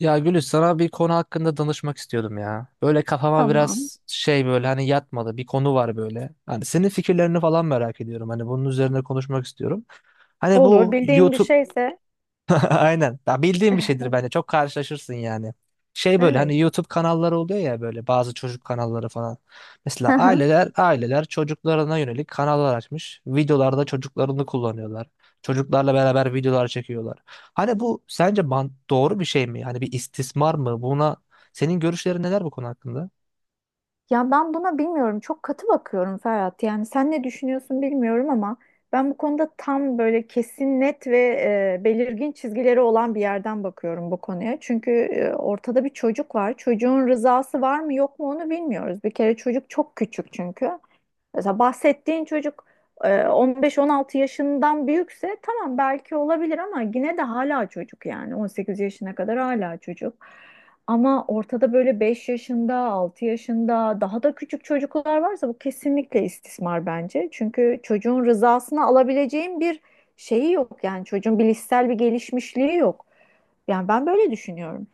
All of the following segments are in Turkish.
Ya Gülüş, sana bir konu hakkında danışmak istiyordum ya. Böyle kafama Tamam. biraz şey, böyle hani yatmadı bir konu var böyle. Hani senin fikirlerini falan merak ediyorum. Hani bunun üzerine konuşmak istiyorum. Hani Olur. bu YouTube E, aynen. Ya bildiğim bir şeydir bence. Çok karşılaşırsın yani. Şey böyle Evet. hani YouTube kanalları oluyor ya, böyle bazı çocuk kanalları falan. Mesela Hı hı. aileler çocuklarına yönelik kanallar açmış. Videolarda çocuklarını kullanıyorlar. Çocuklarla beraber videolar çekiyorlar. Hani bu sence doğru bir şey mi? Hani bir istismar mı? Buna senin görüşlerin neler bu konu hakkında? Ya ben buna bilmiyorum. Çok katı bakıyorum Ferhat. Yani sen ne düşünüyorsun bilmiyorum ama ben bu konuda tam böyle kesin net ve belirgin çizgileri olan bir yerden bakıyorum bu konuya. Çünkü ortada bir çocuk var. Çocuğun rızası var mı yok mu onu bilmiyoruz. Bir kere çocuk çok küçük çünkü. Mesela bahsettiğin çocuk 15-16 yaşından büyükse tamam belki olabilir ama yine de hala çocuk, yani 18 yaşına kadar hala çocuk. Ama ortada böyle 5 yaşında, 6 yaşında daha da küçük çocuklar varsa bu kesinlikle istismar bence. Çünkü çocuğun rızasını alabileceğin bir şeyi yok, yani çocuğun bilişsel bir gelişmişliği yok. Yani ben böyle düşünüyorum.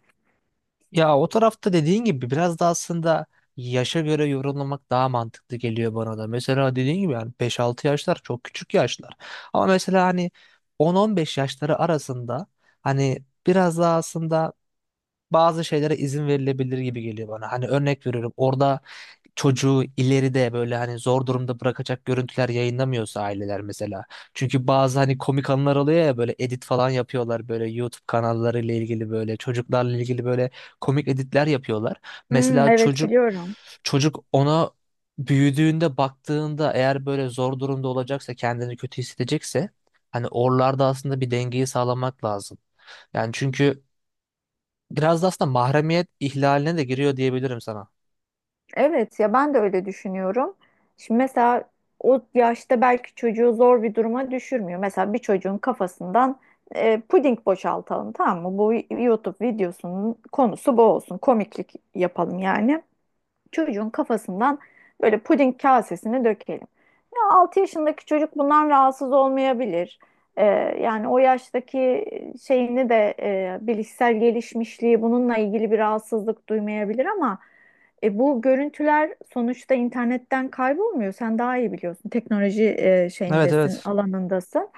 Ya o tarafta dediğin gibi biraz da aslında yaşa göre yorumlamak daha mantıklı geliyor bana da. Mesela dediğin gibi yani beş-altı yaşlar çok küçük yaşlar. Ama mesela hani 10-15 yaşları arasında hani biraz daha aslında bazı şeylere izin verilebilir gibi geliyor bana. Hani örnek veriyorum, orada çocuğu ileride böyle hani zor durumda bırakacak görüntüler yayınlamıyorsa aileler mesela. Çünkü bazı hani komik anlar oluyor ya, böyle edit falan yapıyorlar, böyle YouTube kanallarıyla ilgili, böyle çocuklarla ilgili böyle komik editler yapıyorlar. Hmm, Mesela evet, çocuk biliyorum. çocuk ona büyüdüğünde baktığında eğer böyle zor durumda olacaksa, kendini kötü hissedecekse hani oralarda aslında bir dengeyi sağlamak lazım. Yani çünkü biraz da aslında mahremiyet ihlaline de giriyor diyebilirim sana. Evet, ya ben de öyle düşünüyorum. Şimdi mesela o yaşta belki çocuğu zor bir duruma düşürmüyor. Mesela bir çocuğun kafasından puding boşaltalım, tamam mı? Bu YouTube videosunun konusu bu olsun. Komiklik yapalım yani. Çocuğun kafasından böyle puding kasesini dökelim. Ya 6 yaşındaki çocuk bundan rahatsız olmayabilir. Ee, Yani o yaştaki şeyini de, bilişsel gelişmişliği bununla ilgili bir rahatsızlık duymayabilir, ama bu görüntüler sonuçta internetten kaybolmuyor. Sen daha iyi biliyorsun. Teknoloji Evet, şeyindesin, evet. alanındasın.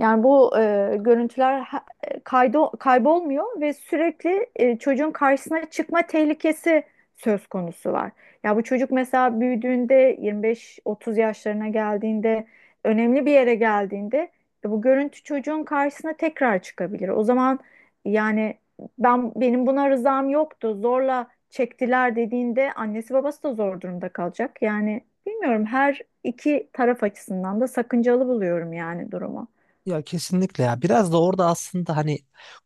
Yani bu görüntüler kaybolmuyor ve sürekli çocuğun karşısına çıkma tehlikesi söz konusu var. Ya bu çocuk mesela büyüdüğünde 25-30 yaşlarına geldiğinde, önemli bir yere geldiğinde, bu görüntü çocuğun karşısına tekrar çıkabilir. O zaman, yani, ben benim buna rızam yoktu, zorla çektiler dediğinde annesi babası da zor durumda kalacak. Yani bilmiyorum, her iki taraf açısından da sakıncalı buluyorum yani durumu. Ya kesinlikle ya. Biraz da orada aslında hani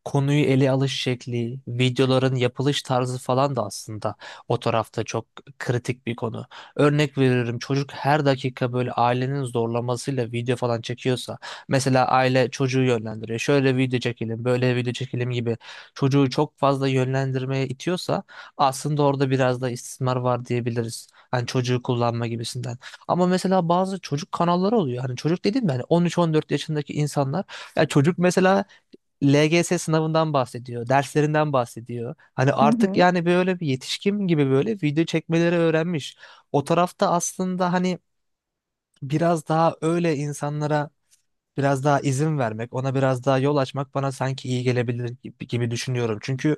konuyu ele alış şekli, videoların yapılış tarzı falan da aslında o tarafta çok kritik bir konu. Örnek veriyorum, çocuk her dakika böyle ailenin zorlamasıyla video falan çekiyorsa, mesela aile çocuğu yönlendiriyor. Şöyle video çekelim, böyle video çekelim gibi çocuğu çok fazla yönlendirmeye itiyorsa aslında orada biraz da istismar var diyebiliriz. Hani çocuğu kullanma gibisinden. Ama mesela bazı çocuk kanalları oluyor. Hani çocuk dedim yani 13-14 yaşındaki insanlar. Ya çocuk mesela LGS sınavından bahsediyor, derslerinden bahsediyor. Hani Hı artık hı. yani böyle bir yetişkin gibi böyle video çekmeleri öğrenmiş. O tarafta aslında hani biraz daha öyle insanlara biraz daha izin vermek, ona biraz daha yol açmak bana sanki iyi gelebilir gibi, gibi düşünüyorum. Çünkü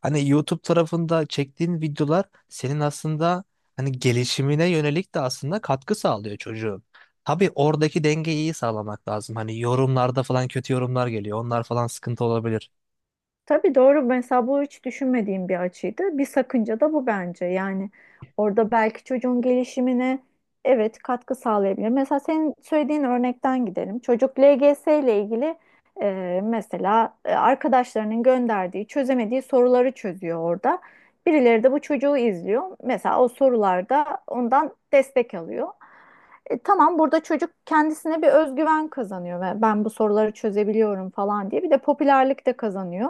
hani YouTube tarafında çektiğin videolar senin aslında hani gelişimine yönelik de aslında katkı sağlıyor çocuğun. Tabii oradaki dengeyi iyi sağlamak lazım. Hani yorumlarda falan kötü yorumlar geliyor. Onlar falan sıkıntı olabilir. Tabii, doğru. Mesela bu hiç düşünmediğim bir açıydı. Bir sakınca da bu bence. Yani orada belki çocuğun gelişimine, evet, katkı sağlayabilir. Mesela senin söylediğin örnekten gidelim. Çocuk LGS ile ilgili mesela arkadaşlarının gönderdiği, çözemediği soruları çözüyor orada. Birileri de bu çocuğu izliyor. Mesela o sorularda ondan destek alıyor. Tamam, burada çocuk kendisine bir özgüven kazanıyor ve ben bu soruları çözebiliyorum falan diye bir de popülerlik de kazanıyor.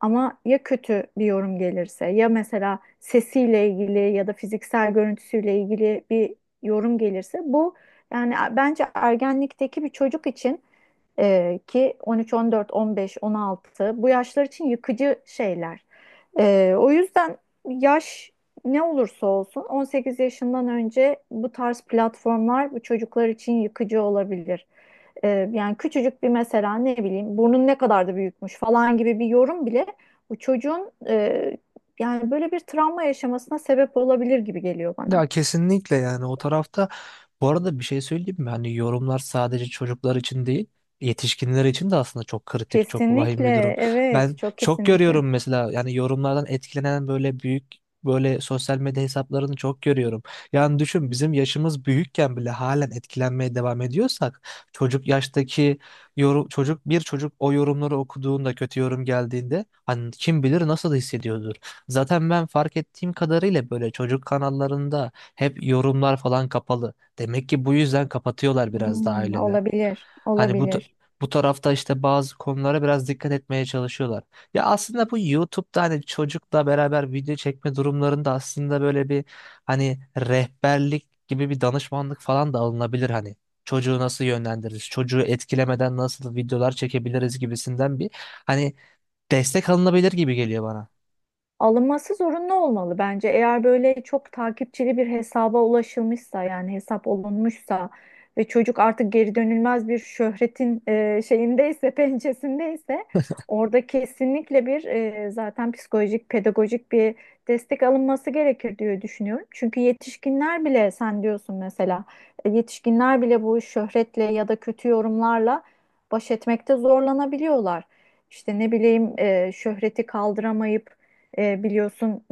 Ama ya kötü bir yorum gelirse, ya mesela sesiyle ilgili ya da fiziksel görüntüsüyle ilgili bir yorum gelirse bu, yani bence ergenlikteki bir çocuk için, ki 13, 14, 15, 16, bu yaşlar için yıkıcı şeyler. O yüzden yaş ne olursa olsun, 18 yaşından önce bu tarz platformlar bu çocuklar için yıkıcı olabilir. Yani küçücük bir, mesela ne bileyim, burnun ne kadar da büyükmüş falan gibi bir yorum bile bu çocuğun, yani böyle bir travma yaşamasına sebep olabilir gibi geliyor bana. Ya kesinlikle, yani o tarafta bu arada bir şey söyleyeyim mi? Hani yorumlar sadece çocuklar için değil, yetişkinler için de aslında çok kritik, çok vahim bir durum. Kesinlikle, Ben evet, çok çok kesinlikle. görüyorum mesela, yani yorumlardan etkilenen böyle büyük, böyle sosyal medya hesaplarını çok görüyorum. Yani düşün, bizim yaşımız büyükken bile halen etkilenmeye devam ediyorsak çocuk yaştaki yorum, çocuk, bir çocuk o yorumları okuduğunda, kötü yorum geldiğinde hani kim bilir nasıl hissediyordur. Zaten ben fark ettiğim kadarıyla böyle çocuk kanallarında hep yorumlar falan kapalı. Demek ki bu yüzden kapatıyorlar biraz da aileler. Olabilir, Hani olabilir. bu tarafta işte bazı konulara biraz dikkat etmeye çalışıyorlar. Ya aslında bu YouTube'da hani çocukla beraber video çekme durumlarında aslında böyle bir hani rehberlik gibi bir danışmanlık falan da alınabilir hani. Çocuğu nasıl yönlendiririz, çocuğu etkilemeden nasıl videolar çekebiliriz gibisinden bir hani destek alınabilir gibi geliyor bana. Alınması zorunlu olmalı bence. Eğer böyle çok takipçili bir hesaba ulaşılmışsa, yani hesap olunmuşsa ve çocuk artık geri dönülmez bir şöhretin şeyindeyse, pençesindeyse, orada kesinlikle bir, zaten psikolojik, pedagojik bir destek alınması gerekir diye düşünüyorum. Çünkü yetişkinler bile, sen diyorsun mesela, yetişkinler bile bu şöhretle ya da kötü yorumlarla baş etmekte zorlanabiliyorlar. İşte ne bileyim, şöhreti kaldıramayıp, biliyorsun,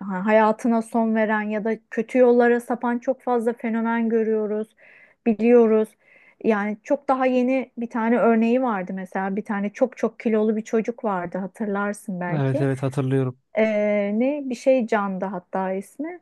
hayatına son veren ya da kötü yollara sapan çok fazla fenomen görüyoruz, biliyoruz. Yani çok daha yeni bir tane örneği vardı. Mesela bir tane çok çok kilolu bir çocuk vardı, hatırlarsın Evet, belki. evet hatırlıyorum. E, Ne bir şey Can'dı hatta ismi.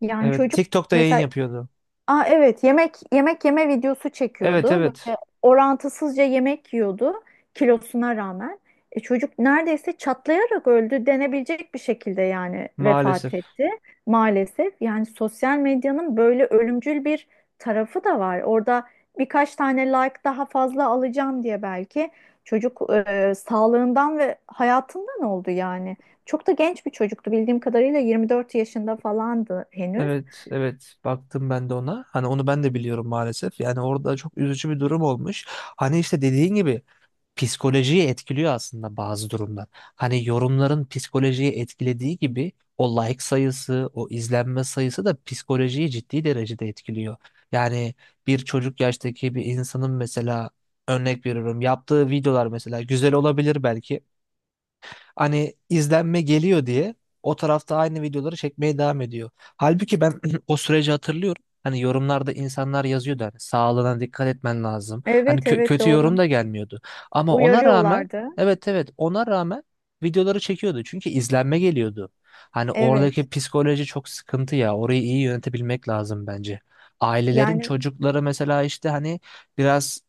Yani Evet, çocuk TikTok'ta yayın mesela. yapıyordu. Aa, evet, yemek yeme videosu Evet, çekiyordu. evet. Böyle orantısızca yemek yiyordu kilosuna rağmen. Çocuk neredeyse çatlayarak öldü denebilecek bir şekilde, yani vefat Maalesef. etti maalesef. Yani sosyal medyanın böyle ölümcül bir tarafı da var. Orada birkaç tane like daha fazla alacağım diye belki çocuk, sağlığından ve hayatından oldu yani. Çok da genç bir çocuktu, bildiğim kadarıyla 24 yaşında falandı henüz. Evet, evet. Baktım ben de ona. Hani onu ben de biliyorum maalesef. Yani orada çok üzücü bir durum olmuş. Hani işte dediğin gibi psikolojiyi etkiliyor aslında bazı durumlar. Hani yorumların psikolojiyi etkilediği gibi o like sayısı, o izlenme sayısı da psikolojiyi ciddi derecede etkiliyor. Yani bir çocuk yaştaki bir insanın mesela, örnek veriyorum, yaptığı videolar mesela güzel olabilir belki. Hani izlenme geliyor diye o tarafta aynı videoları çekmeye devam ediyor. Halbuki ben o süreci hatırlıyorum. Hani yorumlarda insanlar yazıyordu hani sağlığına dikkat etmen lazım. Hani Evet, evet, kötü yorum doğru. da gelmiyordu. Ama ona rağmen Uyarıyorlardı. evet, evet, ona rağmen videoları çekiyordu. Çünkü izlenme geliyordu. Hani Evet. oradaki psikoloji çok sıkıntı ya. Orayı iyi yönetebilmek lazım bence. Ailelerin Yani çocukları mesela işte hani biraz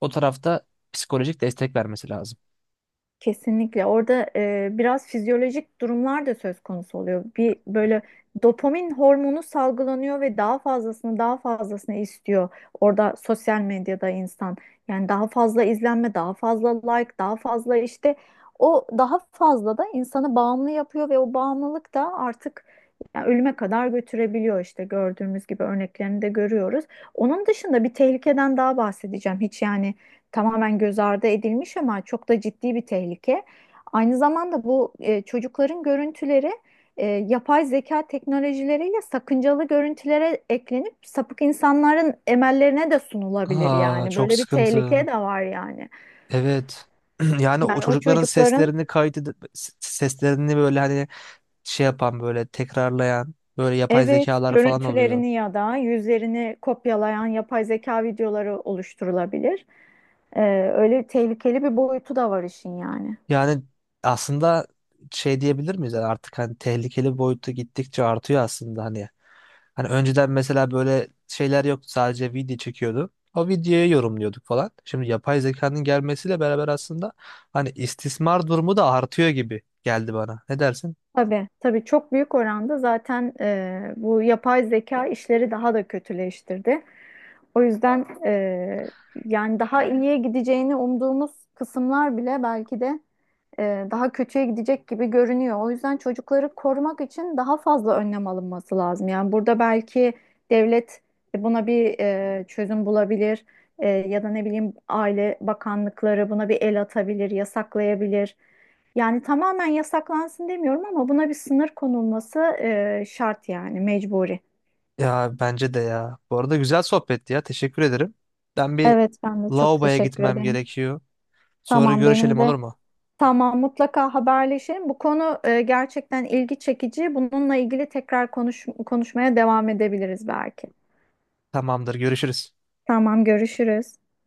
o tarafta psikolojik destek vermesi lazım. kesinlikle orada, biraz fizyolojik durumlar da söz konusu oluyor. Bir böyle dopamin hormonu salgılanıyor ve daha fazlasını daha fazlasını istiyor. Orada sosyal medyada insan, yani daha fazla izlenme, daha fazla like, daha fazla işte, o daha fazla da insanı bağımlı yapıyor ve o bağımlılık da artık, yani ölüme kadar götürebiliyor, işte gördüğümüz gibi örneklerini de görüyoruz. Onun dışında bir tehlikeden daha bahsedeceğim. Hiç, yani, tamamen göz ardı edilmiş ama çok da ciddi bir tehlike. Aynı zamanda bu, çocukların görüntüleri yapay zeka teknolojileriyle sakıncalı görüntülere eklenip sapık insanların emellerine de sunulabilir Aa, yani. çok Böyle bir sıkıntı. tehlike de var yani. Evet. Yani o Yani o çocukların çocukların, seslerini kaydedip seslerini böyle hani şey yapan, böyle tekrarlayan böyle yapay evet, zekalar falan oluyor. görüntülerini ya da yüzlerini kopyalayan yapay zeka videoları oluşturulabilir. E, Öyle tehlikeli bir boyutu da var işin yani. Yani aslında şey diyebilir miyiz? Yani artık hani tehlikeli boyutu gittikçe artıyor aslında hani. Hani önceden mesela böyle şeyler yoktu, sadece video çekiyordu. O videoyu yorumluyorduk falan. Şimdi yapay zekanın gelmesiyle beraber aslında hani istismar durumu da artıyor gibi geldi bana. Ne dersin? Tabii, tabii, çok büyük oranda zaten bu yapay zeka işleri daha da kötüleştirdi. O yüzden, yani daha iyiye gideceğini umduğumuz kısımlar bile belki de daha kötüye gidecek gibi görünüyor. O yüzden çocukları korumak için daha fazla önlem alınması lazım. Yani burada belki devlet, buna bir çözüm bulabilir. Ya da ne bileyim, aile bakanlıkları buna bir el atabilir, yasaklayabilir. Yani tamamen yasaklansın demiyorum, ama buna bir sınır konulması, şart yani, mecburi. Ya bence de ya. Bu arada güzel sohbetti ya. Teşekkür ederim. Ben bir Evet, ben de çok lavaboya teşekkür gitmem ederim. gerekiyor. Sonra Tamam, görüşelim, benim olur de. mu? Tamam, mutlaka haberleşelim. Bu konu gerçekten ilgi çekici. Bununla ilgili tekrar konuşmaya devam edebiliriz belki. Tamamdır, görüşürüz. Tamam, görüşürüz.